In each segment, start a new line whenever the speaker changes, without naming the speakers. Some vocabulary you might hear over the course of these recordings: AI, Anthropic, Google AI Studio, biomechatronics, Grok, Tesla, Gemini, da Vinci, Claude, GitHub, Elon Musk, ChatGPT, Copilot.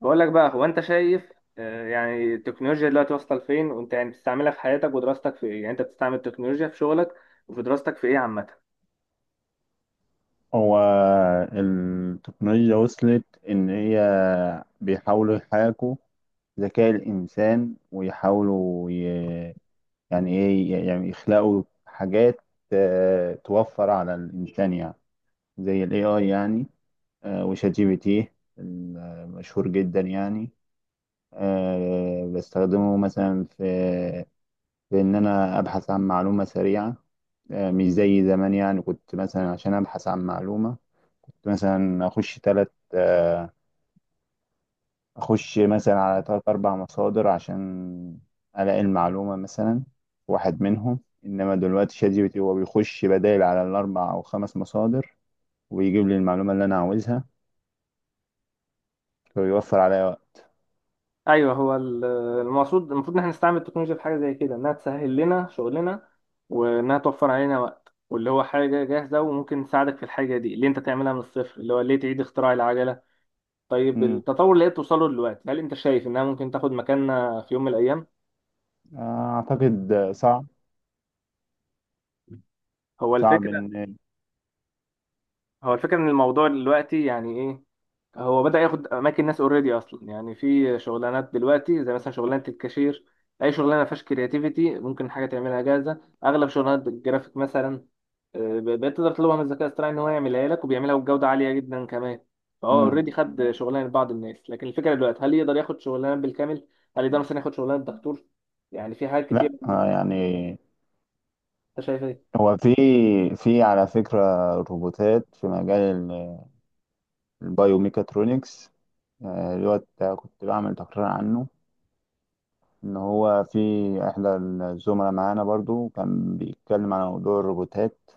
بقول لك بقى، هو انت شايف؟ يعني التكنولوجيا دلوقتي واصله لفين؟ وانت يعني بتستعملها في حياتك ودراستك في ايه؟ يعني انت بتستعمل التكنولوجيا في شغلك وفي دراستك في ايه عامه؟
هو التقنية وصلت إن هي بيحاولوا يحاكوا ذكاء الإنسان، ويحاولوا يعني إيه، يعني يخلقوا حاجات توفر على الإنسان، يعني زي ال AI يعني، وشات جي بي تي المشهور جدا يعني. بستخدمه مثلا في إن أنا أبحث عن معلومة سريعة، مش زي زمان. يعني كنت مثلا عشان أبحث عن معلومة، كنت مثلا اخش مثلا على ثلاث اربع مصادر عشان الاقي المعلومه مثلا في واحد منهم. انما دلوقتي شات جي بي تي هو بيخش بدائل على الاربع او خمس مصادر، ويجيب لي المعلومه اللي انا عاوزها، فبيوفر عليا وقت.
ايوه. المقصود المفروض ان احنا نستعمل التكنولوجيا في حاجه زي كده، انها تسهل لنا شغلنا وانها توفر علينا وقت، واللي هو حاجه جاهزه وممكن تساعدك في الحاجه دي اللي انت تعملها من الصفر. اللي هو ليه تعيد اختراع العجله؟ طيب،
امم
التطور اللي هي بتوصله دلوقتي، هل انت شايف انها ممكن تاخد مكاننا في يوم من الايام؟
اعتقد صعب.
هو
صعب
الفكره،
ان
هو الفكرة ان الموضوع دلوقتي يعني ايه. هو بدأ ياخد اماكن ناس اوريدي اصلا، يعني في شغلانات دلوقتي زي مثلا شغلانة الكاشير، اي شغلانة ما فيهاش كرياتيفيتي ممكن حاجة تعملها جاهزة، اغلب شغلانات الجرافيك مثلا بقيت تقدر تطلبها من الذكاء الاصطناعي ان هو يعملها لك، وبيعملها بجودة عالية جدا كمان. فهو
امم
اوريدي خد شغلانة بعض الناس، لكن الفكرة دلوقتي هل يقدر ياخد شغلانة بالكامل؟ هل يقدر مثلا ياخد شغلانة دكتور؟ يعني في حاجات
لا،
كتير.
يعني
انت شايف ايه؟
هو في على فكره روبوتات في مجال ال- البايوميكاترونكس، اللي هو كنت بعمل تقرير عنه، ان هو في احدى الزملاء معانا برضو كان بيتكلم على موضوع الروبوتات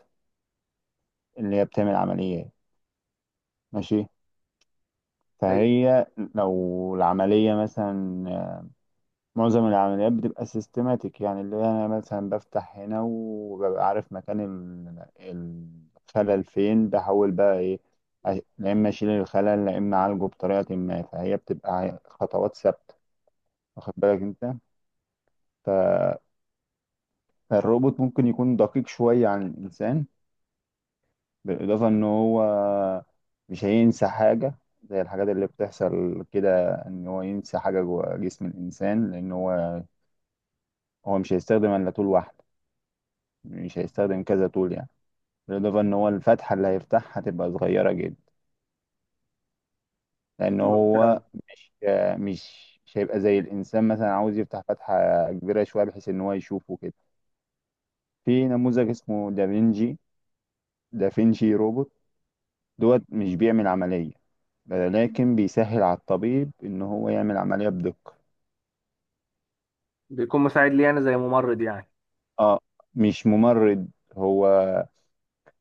اللي هي بتعمل عمليات. ماشي، فهي لو العملية مثلا، معظم العمليات بتبقى سيستماتيك، يعني اللي هي انا مثلا بفتح هنا وببقى عارف مكان الخلل فين، بحاول بقى ايه، لا اما اشيل الخلل لا اما اعالجه بطريقة ما، فهي بتبقى خطوات ثابتة، واخد بالك انت؟ فالروبوت ممكن يكون دقيق شوية عن الانسان، بالإضافة إن هو مش هينسى حاجة زي الحاجات اللي بتحصل كده، إن هو ينسى حاجة جوه جسم الإنسان، لأن هو مش هيستخدم إلا طول واحدة، مش هيستخدم كذا طول يعني. بالإضافة إن هو الفتحة اللي هيفتحها هتبقى صغيرة جدا، لأن هو
أيوة.
مش هيبقى زي الإنسان مثلا عاوز يفتح فتحة كبيرة شوية بحيث إن هو يشوفه كده. في نموذج اسمه دافينشي، روبوت دوت، مش بيعمل عملية لكن بيسهل على الطبيب إن هو يعمل عملية بدقة.
بيكون مساعد لي انا زي ممرض يعني.
اه، مش ممرض. هو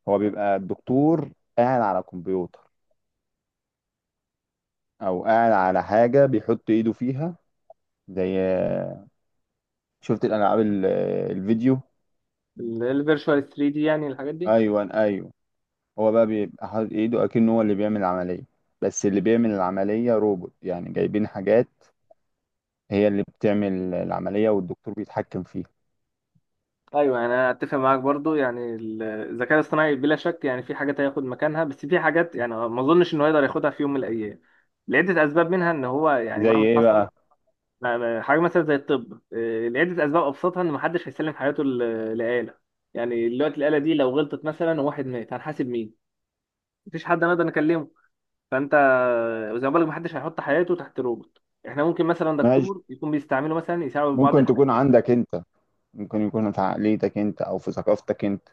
هو بيبقى الدكتور قاعد على كمبيوتر، او قاعد على حاجه بيحط ايده فيها، زي شفت الالعاب الفيديو.
الفيرتشوال 3 دي يعني، الحاجات دي.
ايوه، ايوه. هو بقى بيبقى حاطط ايده اكنه هو اللي بيعمل العمليه، بس اللي بيعمل العمليه روبوت، يعني جايبين حاجات هي اللي بتعمل العمليه والدكتور بيتحكم فيها.
ايوه، يعني انا اتفق معاك برضو. يعني الذكاء الاصطناعي بلا شك يعني في حاجات هياخد مكانها، بس في حاجات يعني ما اظنش انه يقدر ياخدها في يوم من الايام، لعده اسباب منها ان هو يعني
زي
مهما
ايه
حصل
بقى؟
حاجه مثلا زي الطب لعده اسباب ابسطها ان محدش هيسلم حياته لآلة. يعني دلوقتي الآلة دي لو غلطت مثلا وواحد مات، هنحاسب مين؟ مفيش حد نقدر نكلمه. فانت، وزي ما بقولك، محدش هيحط حياته تحت روبوت. احنا ممكن مثلا
ماشي،
دكتور يكون بيستعمله مثلا، يساعده في بعض
ممكن
الحاجات.
تكون عندك انت، ممكن يكون في عقليتك انت او في ثقافتك انت.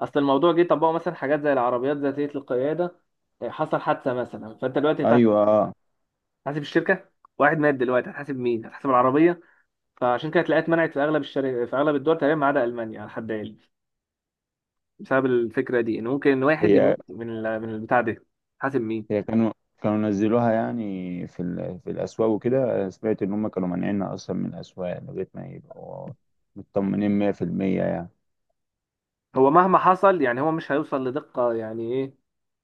اصل الموضوع جه طبقوا مثلا حاجات زي العربيات ذاتيه القياده، حصل حادثه مثلا، فانت دلوقتي هتحاسب
ايوه، اه.
الشركه؟ واحد مات دلوقتي هتحاسب مين؟ هتحاسب العربيه؟ فعشان كده تلاقيها اتمنعت في اغلب الشركات في اغلب الدول تقريبا، ما عدا المانيا على حد علمي، بسبب الفكره دي، ان ممكن واحد
هي
يموت من البتاع ده، حاسب مين؟
هي كانوا نزلوها يعني في في الأسواق وكده، سمعت إن هم كانوا مانعيننا أصلا من الأسواق لغاية ما يبقوا مطمنين 100% يعني.
هو مهما حصل يعني هو مش هيوصل لدقه يعني ايه.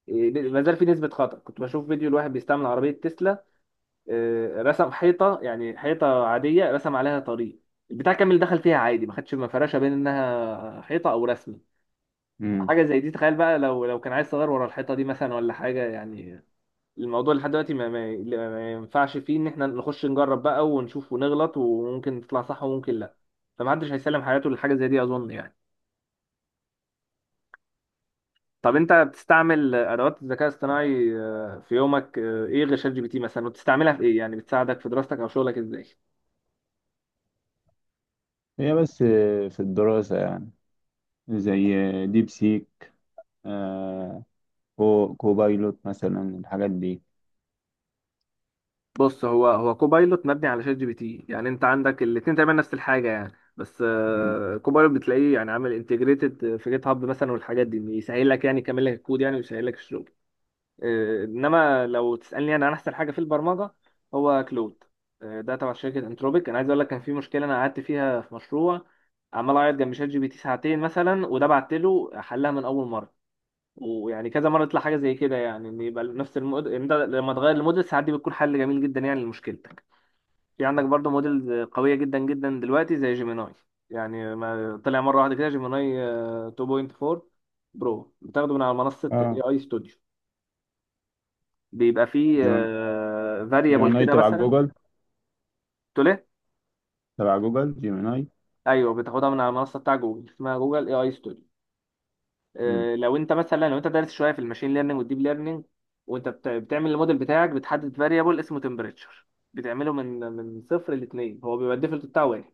ما زال في نسبه خطا. كنت بشوف فيديو لواحد بيستعمل عربيه تسلا، رسم حيطه، يعني حيطه عاديه رسم عليها طريق، البتاع كامل دخل فيها عادي، ما خدش مفرشه بين انها حيطه او رسمه.
مم.
حاجه زي دي، تخيل بقى لو كان عايز صغير ورا الحيطه دي مثلا ولا حاجه يعني. الموضوع لحد دلوقتي ما ينفعش فيه ان احنا نخش نجرب بقى ونشوف ونغلط، وممكن تطلع صح وممكن لا. فمحدش هيسلم حياته لحاجه زي دي، اظن يعني. طب انت بتستعمل ادوات الذكاء الاصطناعي في يومك، ايه غير شات جي بي تي مثلا؟ وبتستعملها في ايه؟ يعني بتساعدك في دراستك او شغلك ازاي؟
هي بس في الدراسة يعني، زي ديب سيك، آه كوبايلوت مثلا، الحاجات دي.
بص، هو كوبايلوت مبني على شات جي بي تي، يعني انت عندك الاتنين تقريبا نفس الحاجه يعني. بس
مم.
كوبايلوت بتلاقيه يعني عامل انتجريتد في جيت هاب مثلا والحاجات دي، إن يسهل لك يعني يكمل لك الكود يعني ويسهل لك الشغل. انما لو تسالني انا عن احسن حاجه في البرمجه، هو كلود. ده تبع شركه انتروبيك. انا عايز اقول لك، كان في مشكله انا قعدت فيها في مشروع، عمال اعيط جنب شات جي بي تي ساعتين مثلا، وده بعت له حلها من اول مره. ويعني كذا مرة يطلع حاجة زي كده، يعني ان يبقى نفس إن ده لما تغير الموديل، ساعات دي بتكون حل جميل جدا يعني لمشكلتك. في عندك برضو موديل قوية جدا جدا دلوقتي زي جيميناي. يعني ما طلع مرة واحدة كده جيميناي 2.4 برو، بتاخده من على منصة اي
اه،
اي ستوديو. بيبقى فيه
جيم-
فاريبل
جيميناي
كده
تبع
مثلا.
جوجل،
تقول ايه؟
تبع جوجل جيميناي.
ايوه، بتاخدها من على المنصة بتاع جوجل، اسمها جوجل اي اي ستوديو.
مم.
لو انت مثلا، لو انت دارس شويه في الماشين ليرنينج والديب ليرنينج، وانت بتعمل الموديل بتاعك، بتحدد فاريبل اسمه تمبريتشر. بتعمله من صفر لاثنين، هو بيبقى الديفولت بتاعه واحد.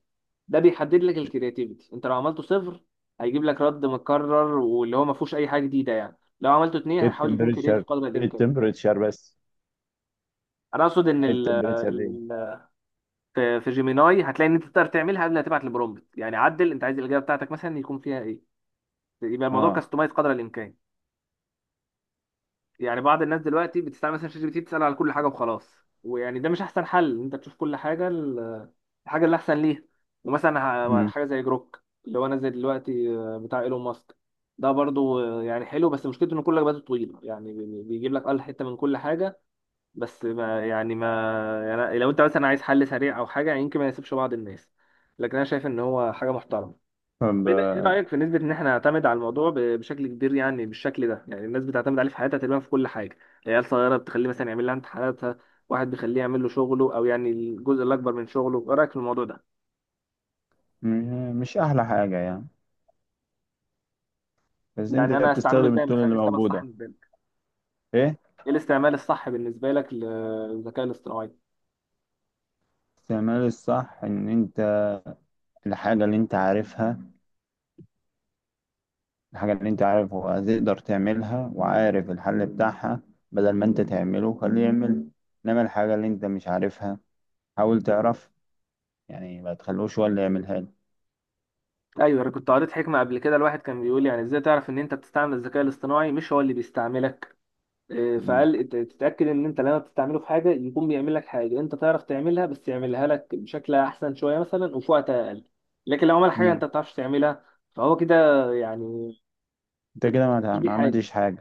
ده بيحدد لك الكرياتيفيتي. انت لو عملته صفر، هيجيب لك رد مكرر واللي هو ما فيهوش اي حاجه جديده يعني. لو عملته اثنين، هيحاول يكون كرياتيف
التمبريتشر
قدر الامكان.
التمبريتشر بس
انا اقصد ان
التمبريتشر دي
في في جيميناي هتلاقي ان انت تقدر تعملها قبل ما تبعت البرومبت، يعني عدل انت عايز الاجابه بتاعتك مثلا يكون فيها ايه، يبقى الموضوع
اه.
كاستمايز قدر الامكان. يعني بعض الناس دلوقتي بتستعمل مثلا شات جي بي تي، بتسأل على كل حاجة وخلاص، ويعني ده مش أحسن حل. إن أنت تشوف كل حاجة، الحاجة اللي أحسن ليها. ومثلا
مم.
حاجة زي جروك اللي هو نازل دلوقتي، بتاع إيلون ماسك، ده برضو يعني حلو، بس مشكلته إن كل إجاباته طويلة، يعني بيجيب لك أقل حتة من كل حاجة. بس ما يعني ما يعني لو أنت مثلا عايز حل سريع أو حاجة، يعني يمكن ما يناسبش بعض الناس، لكن أنا شايف إن هو حاجة محترمة.
طب
طيب، ايه رايك في نسبه ان احنا نعتمد على الموضوع بشكل كبير؟ يعني بالشكل ده، يعني الناس بتعتمد عليه في حياتها تقريبا في كل حاجه. العيال صغيره بتخليه مثلا يعمل لها امتحاناتها، واحد بيخليه يعمل له شغله او يعني الجزء الاكبر من شغله. ايه رايك في الموضوع ده؟
مش أحلى حاجة يعني، بس انت
يعني انا استعمله
بتستخدم
ازاي
التول
مثلا؟
اللي
استعمل الصح
موجودة.
بالنسبه لك،
ايه
ايه الاستعمال الصح بالنسبه لك للذكاء الاصطناعي؟
استعمال الصح؟ ان انت الحاجة اللي انت عارفها، هتقدر تعملها وعارف الحل بتاعها، بدل ما انت تعمله خليه يعمل، انما الحاجة اللي انت مش عارفها حاول تعرف، يعني ما تخلوش هو اللي يعملها لك.
ايوه، انا كنت قريت حكمه قبل كده، الواحد كان بيقول يعني ازاي تعرف ان انت بتستعمل الذكاء الاصطناعي مش هو اللي بيستعملك.
مم.
فقال تتأكد إن أنت لما بتستعمله في حاجة، يكون بيعمل لك حاجة أنت تعرف تعملها، بس يعملها لك بشكل أحسن شوية مثلا، وفي وقت أقل. لكن لو عمل حاجة
مم.
أنت ما بتعرفش تعملها، فهو كده يعني
انت
أنت
كده
بتستفيدش بيه
ما
حاجة.
عملتش حاجة،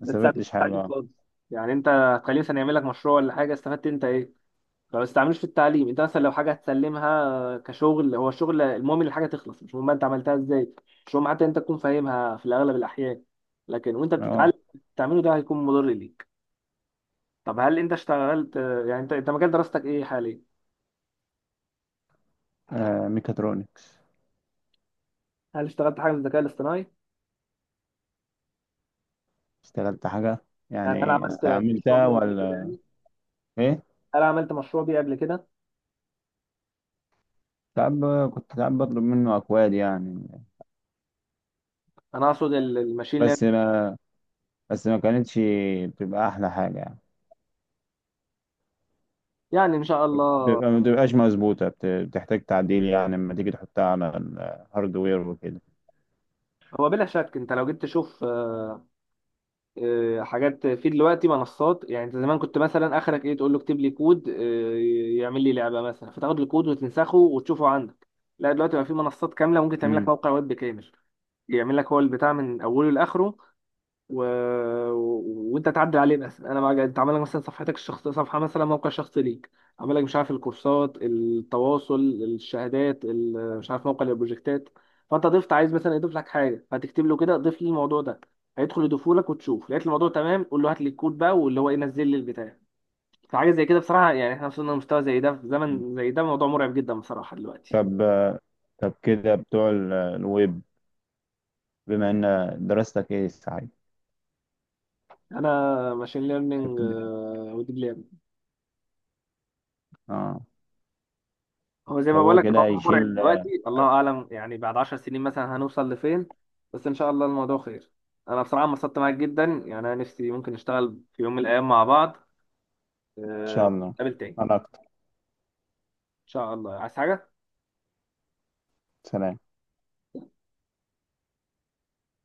ما
تستعملوش في
استفدتش حاجة
التعليم
اه.
خالص. يعني أنت هتخليه مثلا يعمل لك مشروع ولا حاجة، استفدت أنت إيه؟ فما تستعملوش في التعليم. أنت مثلا لو حاجة هتسلمها كشغل، هو الشغل المهم إن الحاجة تخلص، مش مهم بقى أنت عملتها إزاي، مش مهم حتى أنت تكون فاهمها في الأغلب الأحيان. لكن وأنت
اه،
بتتعلم، تعمله ده هيكون مضر ليك. طب هل انت اشتغلت؟ يعني انت مجال دراستك ايه حاليا؟
ميكاترونكس.
هل اشتغلت حاجه في الذكاء الاصطناعي؟
اشتغلت حاجة
يعني انا
يعني،
عملت مشروع
استعملتها
بيه قبل كده
ولا
يعني،
ايه؟
انا عملت مشروع بيه قبل كده.
كنت ساعات بطلب منه اكواد يعني،
انا اقصد الماشين ليرنينج.
بس بس ما كانتش بتبقى احلى حاجه يعني،
يعني ان شاء الله.
بتبقى، ما بتبقاش مظبوطه، بتحتاج تعديل يعني لما تيجي تحطها على الهاردوير وكده.
هو بلا شك انت لو جيت تشوف، حاجات في دلوقتي منصات، يعني انت زمان كنت مثلا اخرك ايه، تقول له اكتب لي كود يعمل لي لعبه مثلا، فتاخد الكود وتنسخه وتشوفه عندك. لا دلوقتي بقى في منصات كامله ممكن تعمل لك
مم.
موقع ويب كامل، يعمل لك هو البتاع من اوله لاخره، و... وانت تعدل عليه مثلا. انا، ما انت عامل لك مثلا صفحتك الشخصيه، صفحه مثلا، موقع شخصي ليك، عامل لك مش عارف الكورسات، التواصل، الشهادات، مش عارف موقع البروجكتات. فانت ضفت عايز مثلا يضيف لك حاجه، هتكتب له كده ضيف لي الموضوع ده، هيدخل يضيفه لك، وتشوف لقيت الموضوع تمام، قول له هات لي الكود بقى، واللي هو ينزل لي البتاع. فحاجه زي كده بصراحه، يعني احنا وصلنا لمستوى زي ده في زمن زي ده، موضوع مرعب جدا بصراحه دلوقتي.
طب، كده بتوع الويب، بما ان دراستك ايه صحيح،
انا ماشين
كنت
ليرنينج
بتدرس؟
وديب.
اه.
هو زي
طب
ما بقول
هو
لك،
كده،
الموضوع مرعب
يشيل
دلوقتي،
ان
الله اعلم يعني بعد 10 سنين مثلا هنوصل لفين. بس ان شاء الله الموضوع خير. انا بصراحه انبسطت معاك جدا، يعني انا نفسي ممكن نشتغل في يوم من الايام مع بعض.
شاء الله.
نتقابل تاني ان
انا اكتر.
شاء الله. عايز حاجه؟
سلام.